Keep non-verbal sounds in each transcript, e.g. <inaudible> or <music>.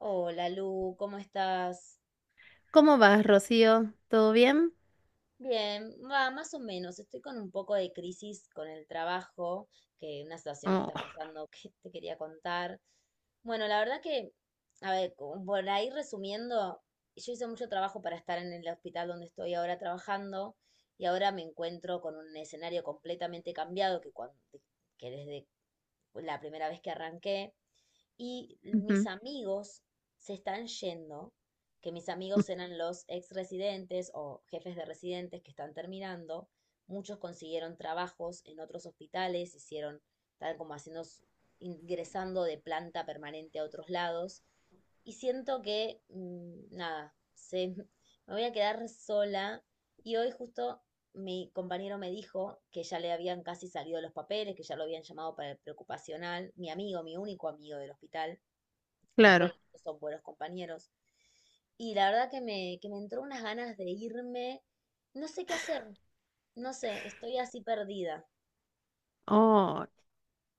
Hola Lu, ¿cómo estás? ¿Cómo vas, Rocío? ¿Todo bien? Bien, va, más o menos. Estoy con un poco de crisis con el trabajo, que una situación que Oh. está pasando <laughs> que te quería contar. Bueno, la verdad que, a ver, como por ahí resumiendo, yo hice mucho trabajo para estar en el hospital donde estoy ahora trabajando y ahora me encuentro con un escenario completamente cambiado que, cuando, que desde la primera vez que arranqué, y mis Ujú. amigos se están yendo, que mis amigos eran los ex residentes o jefes de residentes que están terminando, muchos consiguieron trabajos en otros hospitales, hicieron, estaban como haciendo, ingresando de planta permanente a otros lados, y siento que, nada, se, <laughs> me voy a quedar sola, y hoy justo mi compañero me dijo que ya le habían casi salido los papeles, que ya lo habían llamado para el preocupacional, mi amigo, mi único amigo del hospital, después los Claro. otros son buenos compañeros, y la verdad que me entró unas ganas de irme, no sé qué hacer, no sé, estoy así perdida. Oh,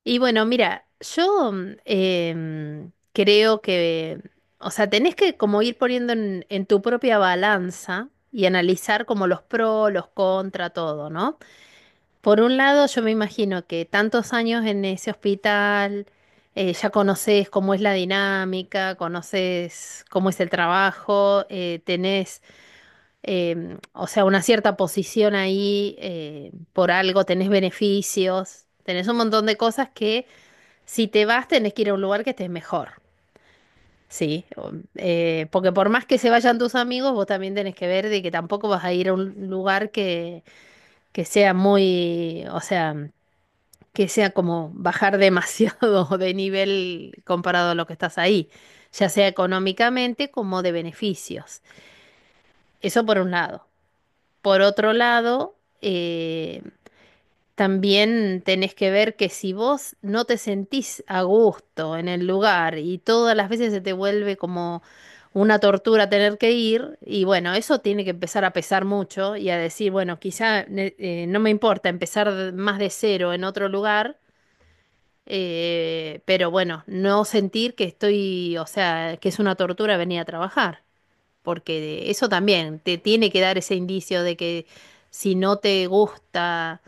y bueno, mira, yo creo que, o sea, tenés que como ir poniendo en tu propia balanza y analizar como los pros, los contra, todo, ¿no? Por un lado, yo me imagino que tantos años en ese hospital, ya conoces cómo es la dinámica, conoces cómo es el trabajo, tenés o sea, una cierta posición ahí, por algo tenés beneficios, tenés un montón de cosas que si te vas tenés que ir a un lugar que estés mejor, ¿sí? Porque por más que se vayan tus amigos, vos también tenés que ver de que tampoco vas a ir a un lugar que sea muy, o sea, que sea como bajar demasiado <laughs> de nivel comparado a lo que estás ahí, ya sea económicamente como de beneficios. Eso por un lado. Por otro lado, también tenés que ver que si vos no te sentís a gusto en el lugar y todas las veces se te vuelve como una tortura tener que ir, y bueno, eso tiene que empezar a pesar mucho y a decir, bueno, quizá no me importa empezar más de cero en otro lugar, pero bueno, no sentir que estoy, o sea, que es una tortura venir a trabajar porque eso también te tiene que dar ese indicio de que si no te gusta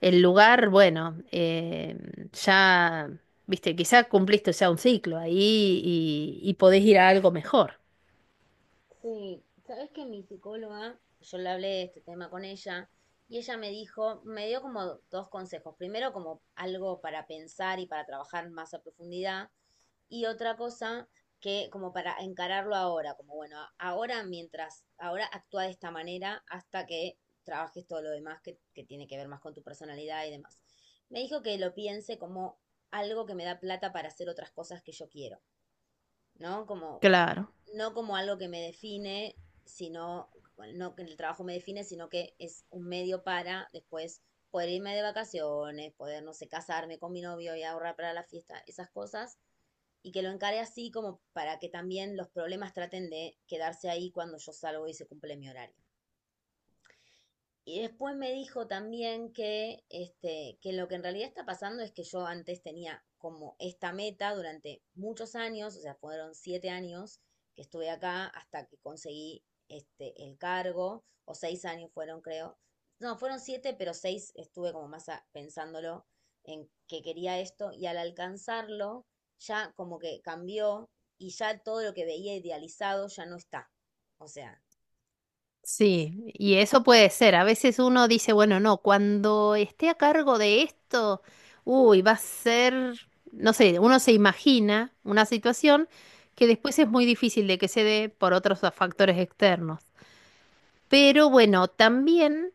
el lugar, bueno, ya, viste, quizá cumpliste ya un ciclo ahí y podés ir a algo mejor. Sí, sabes que mi psicóloga, yo le hablé de este tema con ella y ella me dijo, me dio como dos consejos. Primero, como algo para pensar y para trabajar más a profundidad. Y otra cosa que como para encararlo ahora, como bueno, ahora mientras, ahora actúa de esta manera hasta que trabajes todo lo demás que tiene que ver más con tu personalidad y demás. Me dijo que lo piense como algo que me da plata para hacer otras cosas que yo quiero, ¿no? Como Claro. no como algo que me define, sino, bueno, no que el trabajo me define, sino que es un medio para después poder irme de vacaciones, poder, no sé, casarme con mi novio y ahorrar para la fiesta, esas cosas, y que lo encare así como para que también los problemas traten de quedarse ahí cuando yo salgo y se cumple mi horario. Y después me dijo también que, que lo que en realidad está pasando es que yo antes tenía como esta meta durante muchos años, o sea, fueron siete años que estuve acá hasta que conseguí este, el cargo, o seis años fueron, creo. No, fueron siete, pero seis estuve como más pensándolo en que quería esto y al alcanzarlo ya como que cambió y ya todo lo que veía idealizado ya no está. O sea, sí, Sí, y eso puede ser. A veces uno dice, bueno, no, cuando esté a cargo de esto, uy, va a ser, no sé, uno se imagina una situación que después es muy difícil de que se dé por otros factores externos. Pero bueno, también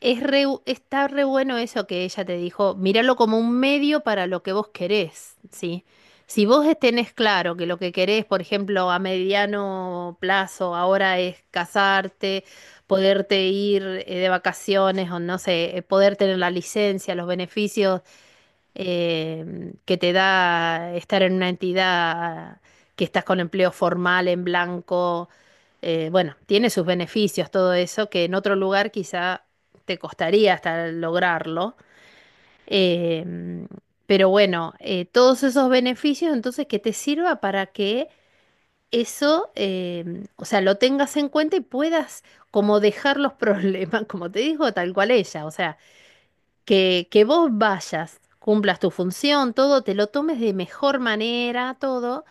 está re bueno eso que ella te dijo, míralo como un medio para lo que vos querés, ¿sí? Si vos tenés claro que lo que querés, por ejemplo, a mediano plazo ahora es casarte, poderte ir de vacaciones o no sé, poder tener la licencia, los beneficios que te da estar en una entidad que estás con empleo formal, en blanco. Bueno, tiene sus beneficios todo eso, que en otro lugar quizá te costaría hasta lograrlo. Eh, pero bueno, todos esos beneficios, entonces, que te sirva para que eso, o sea, lo tengas en cuenta y puedas como dejar los problemas, <laughs> como te dijo, tal cual ella, o sea que vos vayas, cumplas tu función, todo, te lo tomes de mejor manera, todo,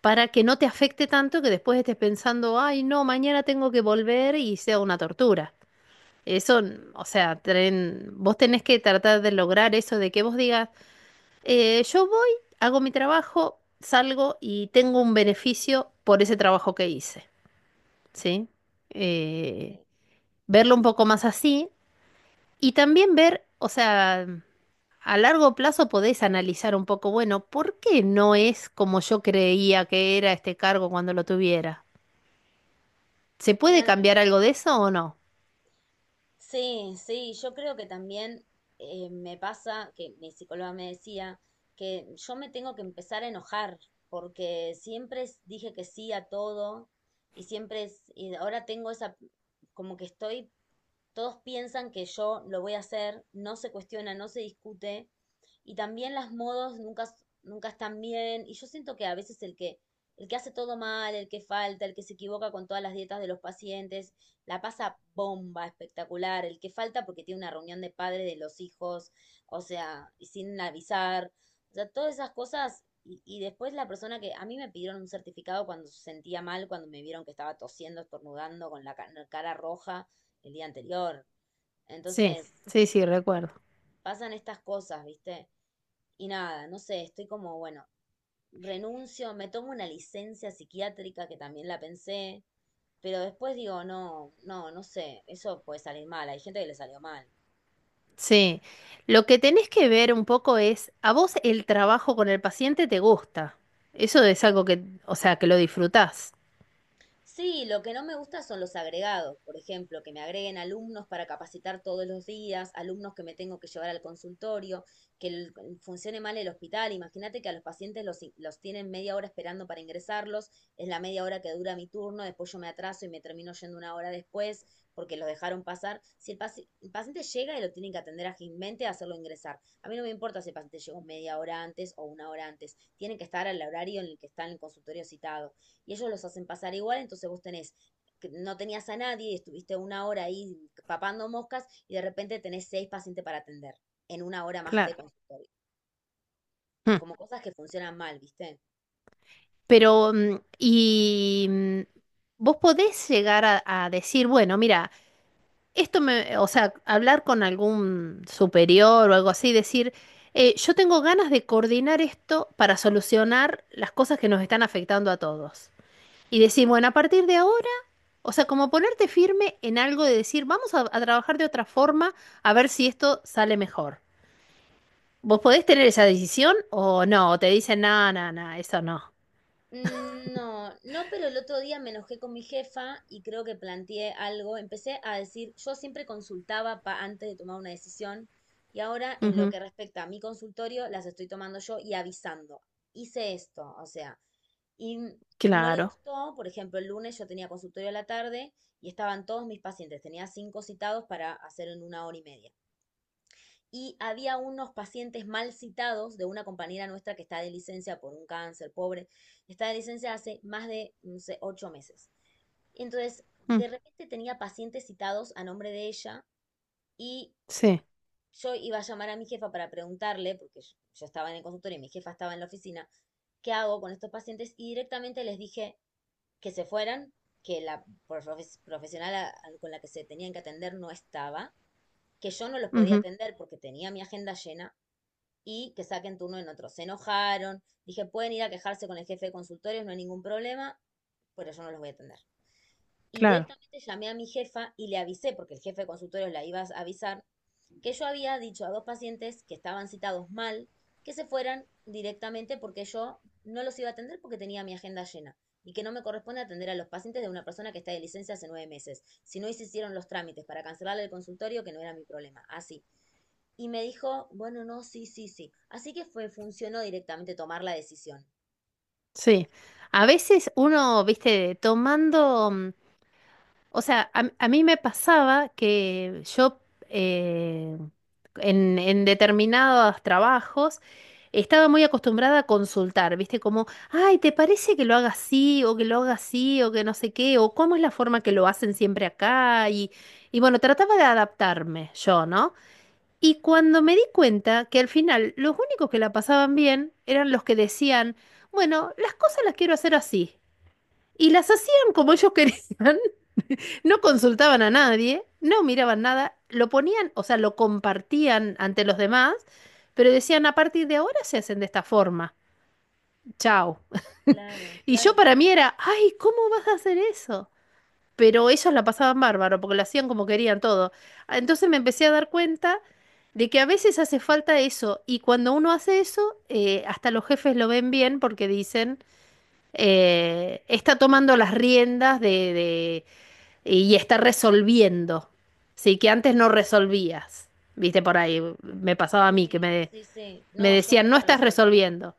para que no te afecte tanto que después estés pensando, ay, no, mañana tengo que volver y sea una tortura. Eso, o sea, vos tenés que tratar de lograr eso de que vos digas, yo voy, hago mi trabajo, salgo y tengo un beneficio por ese trabajo que hice, ¿sí? Eh, Verlo un poco más así y también ver, o sea... A largo plazo podés analizar un poco, bueno, ¿por qué no es como yo creía que era este cargo cuando lo tuviera? ¿Se puede claro. cambiar algo de eso o no? Sí, sí, yo creo que también me pasa que mi psicóloga me decía que yo me tengo que empezar a enojar porque siempre dije que sí a todo y siempre es, y ahora tengo esa, como que estoy todos piensan que yo lo voy a hacer, no se cuestiona, no se discute. Y también las modos nunca, nunca están bien. Y yo siento que a veces el que hace todo mal, el que falta, el que se equivoca con todas las dietas de los pacientes, la pasa bomba, espectacular. El que falta porque tiene una reunión de padres de los hijos, o sea, sin avisar. O sea, todas esas cosas. Y después la persona que a mí me pidieron un certificado cuando se sentía mal, cuando me vieron que estaba tosiendo, estornudando, con la cara roja el día anterior. Sí, Entonces, sí, sí, recuerdo. pasan estas cosas, ¿viste? Y nada, no sé, estoy como, bueno, renuncio, me tomo una licencia psiquiátrica que también la pensé, pero después digo, no, no, no sé, eso puede salir mal, hay gente que le salió mal. Sí. Lo que tenés que ver un poco es, ¿a vos el trabajo con el paciente te gusta? Eso es algo que, o sea, que lo disfrutás. Sí, lo que no me gusta son los agregados, por ejemplo, que me agreguen alumnos para capacitar todos los días, alumnos que me tengo que llevar al consultorio, que el- funcione mal el hospital. Imagínate que a los pacientes los tienen media hora esperando para ingresarlos, es la media hora que dura mi turno, después yo me atraso y me termino yendo una hora después porque los dejaron pasar. Si el paciente llega y lo tienen que atender ágilmente, hacerlo ingresar. A mí no me importa si el paciente llegó media hora antes o una hora antes, tienen que estar al horario en el que está en el consultorio citado y ellos los hacen pasar igual, entonces vos tenés no tenías a nadie y estuviste una hora ahí papando moscas y de repente tenés seis pacientes para atender en una hora más de Claro. consultorio, Mm. como cosas que funcionan mal, ¿viste? Pero, vos podés llegar a decir, bueno, mira, esto me, o sea, hablar con algún superior o algo así, decir, yo tengo ganas de coordinar esto para solucionar las cosas que nos están afectando a todos. Y decir, bueno, a partir de ahora, o sea, como ponerte firme en algo de decir, vamos a trabajar de otra forma a ver si esto sale mejor. ¿Vos podés tener esa decisión o no? O te dicen, no, no, no, eso no. No, no, pero el otro día me enojé con mi jefa y creo que planteé algo. Empecé a decir, yo siempre consultaba antes de tomar una decisión y ahora en lo Ujú. que respecta a mi consultorio las estoy tomando yo y avisando. Hice esto, o sea, y no le Claro. gustó, por ejemplo, el lunes yo tenía consultorio a la tarde y estaban todos mis pacientes, tenía cinco citados para hacer en una hora y media y había unos pacientes mal citados de una compañera nuestra que está de licencia por un cáncer, pobre, está de licencia hace más de, no sé, ocho meses. Entonces, Mm, de repente tenía pacientes citados a nombre de ella y sí. yo iba a llamar a mi jefa para preguntarle, porque yo estaba en el consultorio y mi jefa estaba en la oficina, ¿qué hago con estos pacientes? Y directamente les dije que se fueran, que la profesional con la que se tenían que atender no estaba, que yo no los podía Ujú. atender porque tenía mi agenda llena y que saquen turno en otro. Se enojaron, dije, pueden ir a quejarse con el jefe de consultorios, no hay ningún problema, pero yo no los voy a atender. Y Claro. directamente llamé a mi jefa y le avisé, porque el jefe de consultorio la iba a avisar, que yo había dicho a dos pacientes que estaban citados mal, que se fueran directamente porque yo no los iba a atender porque tenía mi agenda llena y que no me corresponde atender a los pacientes de una persona que está de licencia hace nueve meses. Si no se hicieron los trámites para cancelarle el consultorio, que no era mi problema. Así. Y me dijo, bueno, no, sí, sí, sí. Así que fue, funcionó directamente tomar la decisión. Sí. A veces uno, viste, tomando... O sea, a mí me pasaba que yo eh, en determinados trabajos estaba muy acostumbrada a consultar, ¿viste? Como, ay, ¿te parece que lo haga así o que lo haga así o que no sé qué? ¿O cómo es la forma que lo hacen siempre acá? Y bueno, trataba de adaptarme yo, ¿no? Y cuando me di cuenta que al final los únicos que la pasaban bien eran los que decían, bueno, las cosas las quiero hacer así. Y las hacían como ellos <laughs> querían, no consultaban a nadie, no miraban nada, lo ponían, o sea, lo compartían ante los demás, pero decían, a partir de ahora se hacen de esta forma. Chao. Claro, Y yo claro, tal para mí cual. era, ay, ¿cómo vas a hacer eso? Pero ellos la pasaban bárbaro, porque lo hacían como querían todo. Ah. Entonces me empecé a dar cuenta de que a veces hace falta eso, y cuando uno hace eso, hasta los jefes lo ven bien porque dicen, está tomando las riendas y está resolviendo, ¿sí? Que antes no resolvías, viste, por ahí me pasaba a mí que Sí, me, sí, sí. me No, yo decían, no nunca estás resolvía. resolviendo.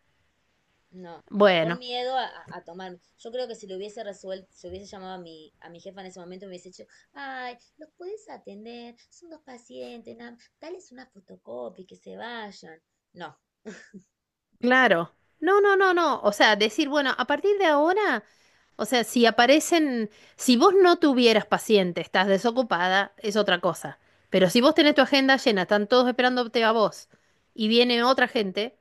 No, por Bueno, miedo a tomarme. Yo creo que si lo hubiese resuelto, si hubiese llamado a a mi jefa en ese momento, me hubiese dicho, ay, los puedes atender, son dos pacientes, nada, más, dales una fotocopia y que se vayan. No, claro. No, no, no, no. O sea, decir, bueno, a partir de ahora, o sea, si aparecen, si vos no tuvieras paciente, estás desocupada, es otra cosa. Pero si vos tenés tu agenda llena, están todos esperándote a vos y viene otra gente,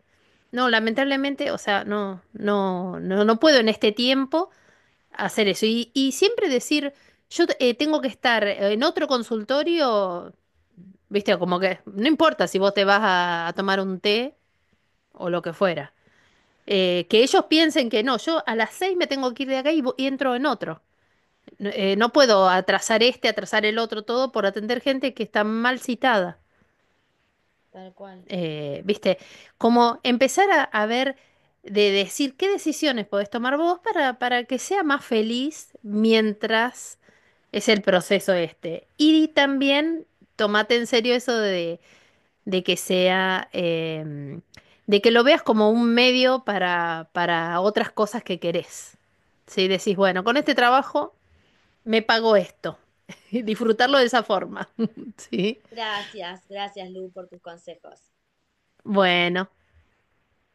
no, lamentablemente, o sea, no, no, no, no puedo en este tiempo hacer eso. Y siempre decir, yo tengo que estar en otro consultorio, viste, como que no importa si vos te vas a tomar un té o lo que fuera. Que ellos piensen que no, yo a las 6 me tengo que ir de acá y entro en otro. No, no puedo atrasar este, atrasar el otro, todo por atender gente que está mal citada. tal cual. Viste, como empezar a ver, de decir qué decisiones podés tomar vos para que sea más feliz mientras. Es el proceso este. Y también tomate en serio eso de que sea, de que lo veas como un medio para otras cosas que querés. Si decís, bueno, con este trabajo me pago esto. <laughs> Y disfrutarlo de esa forma. <laughs> Sí. Gracias, gracias Lu por tus consejos. Bueno,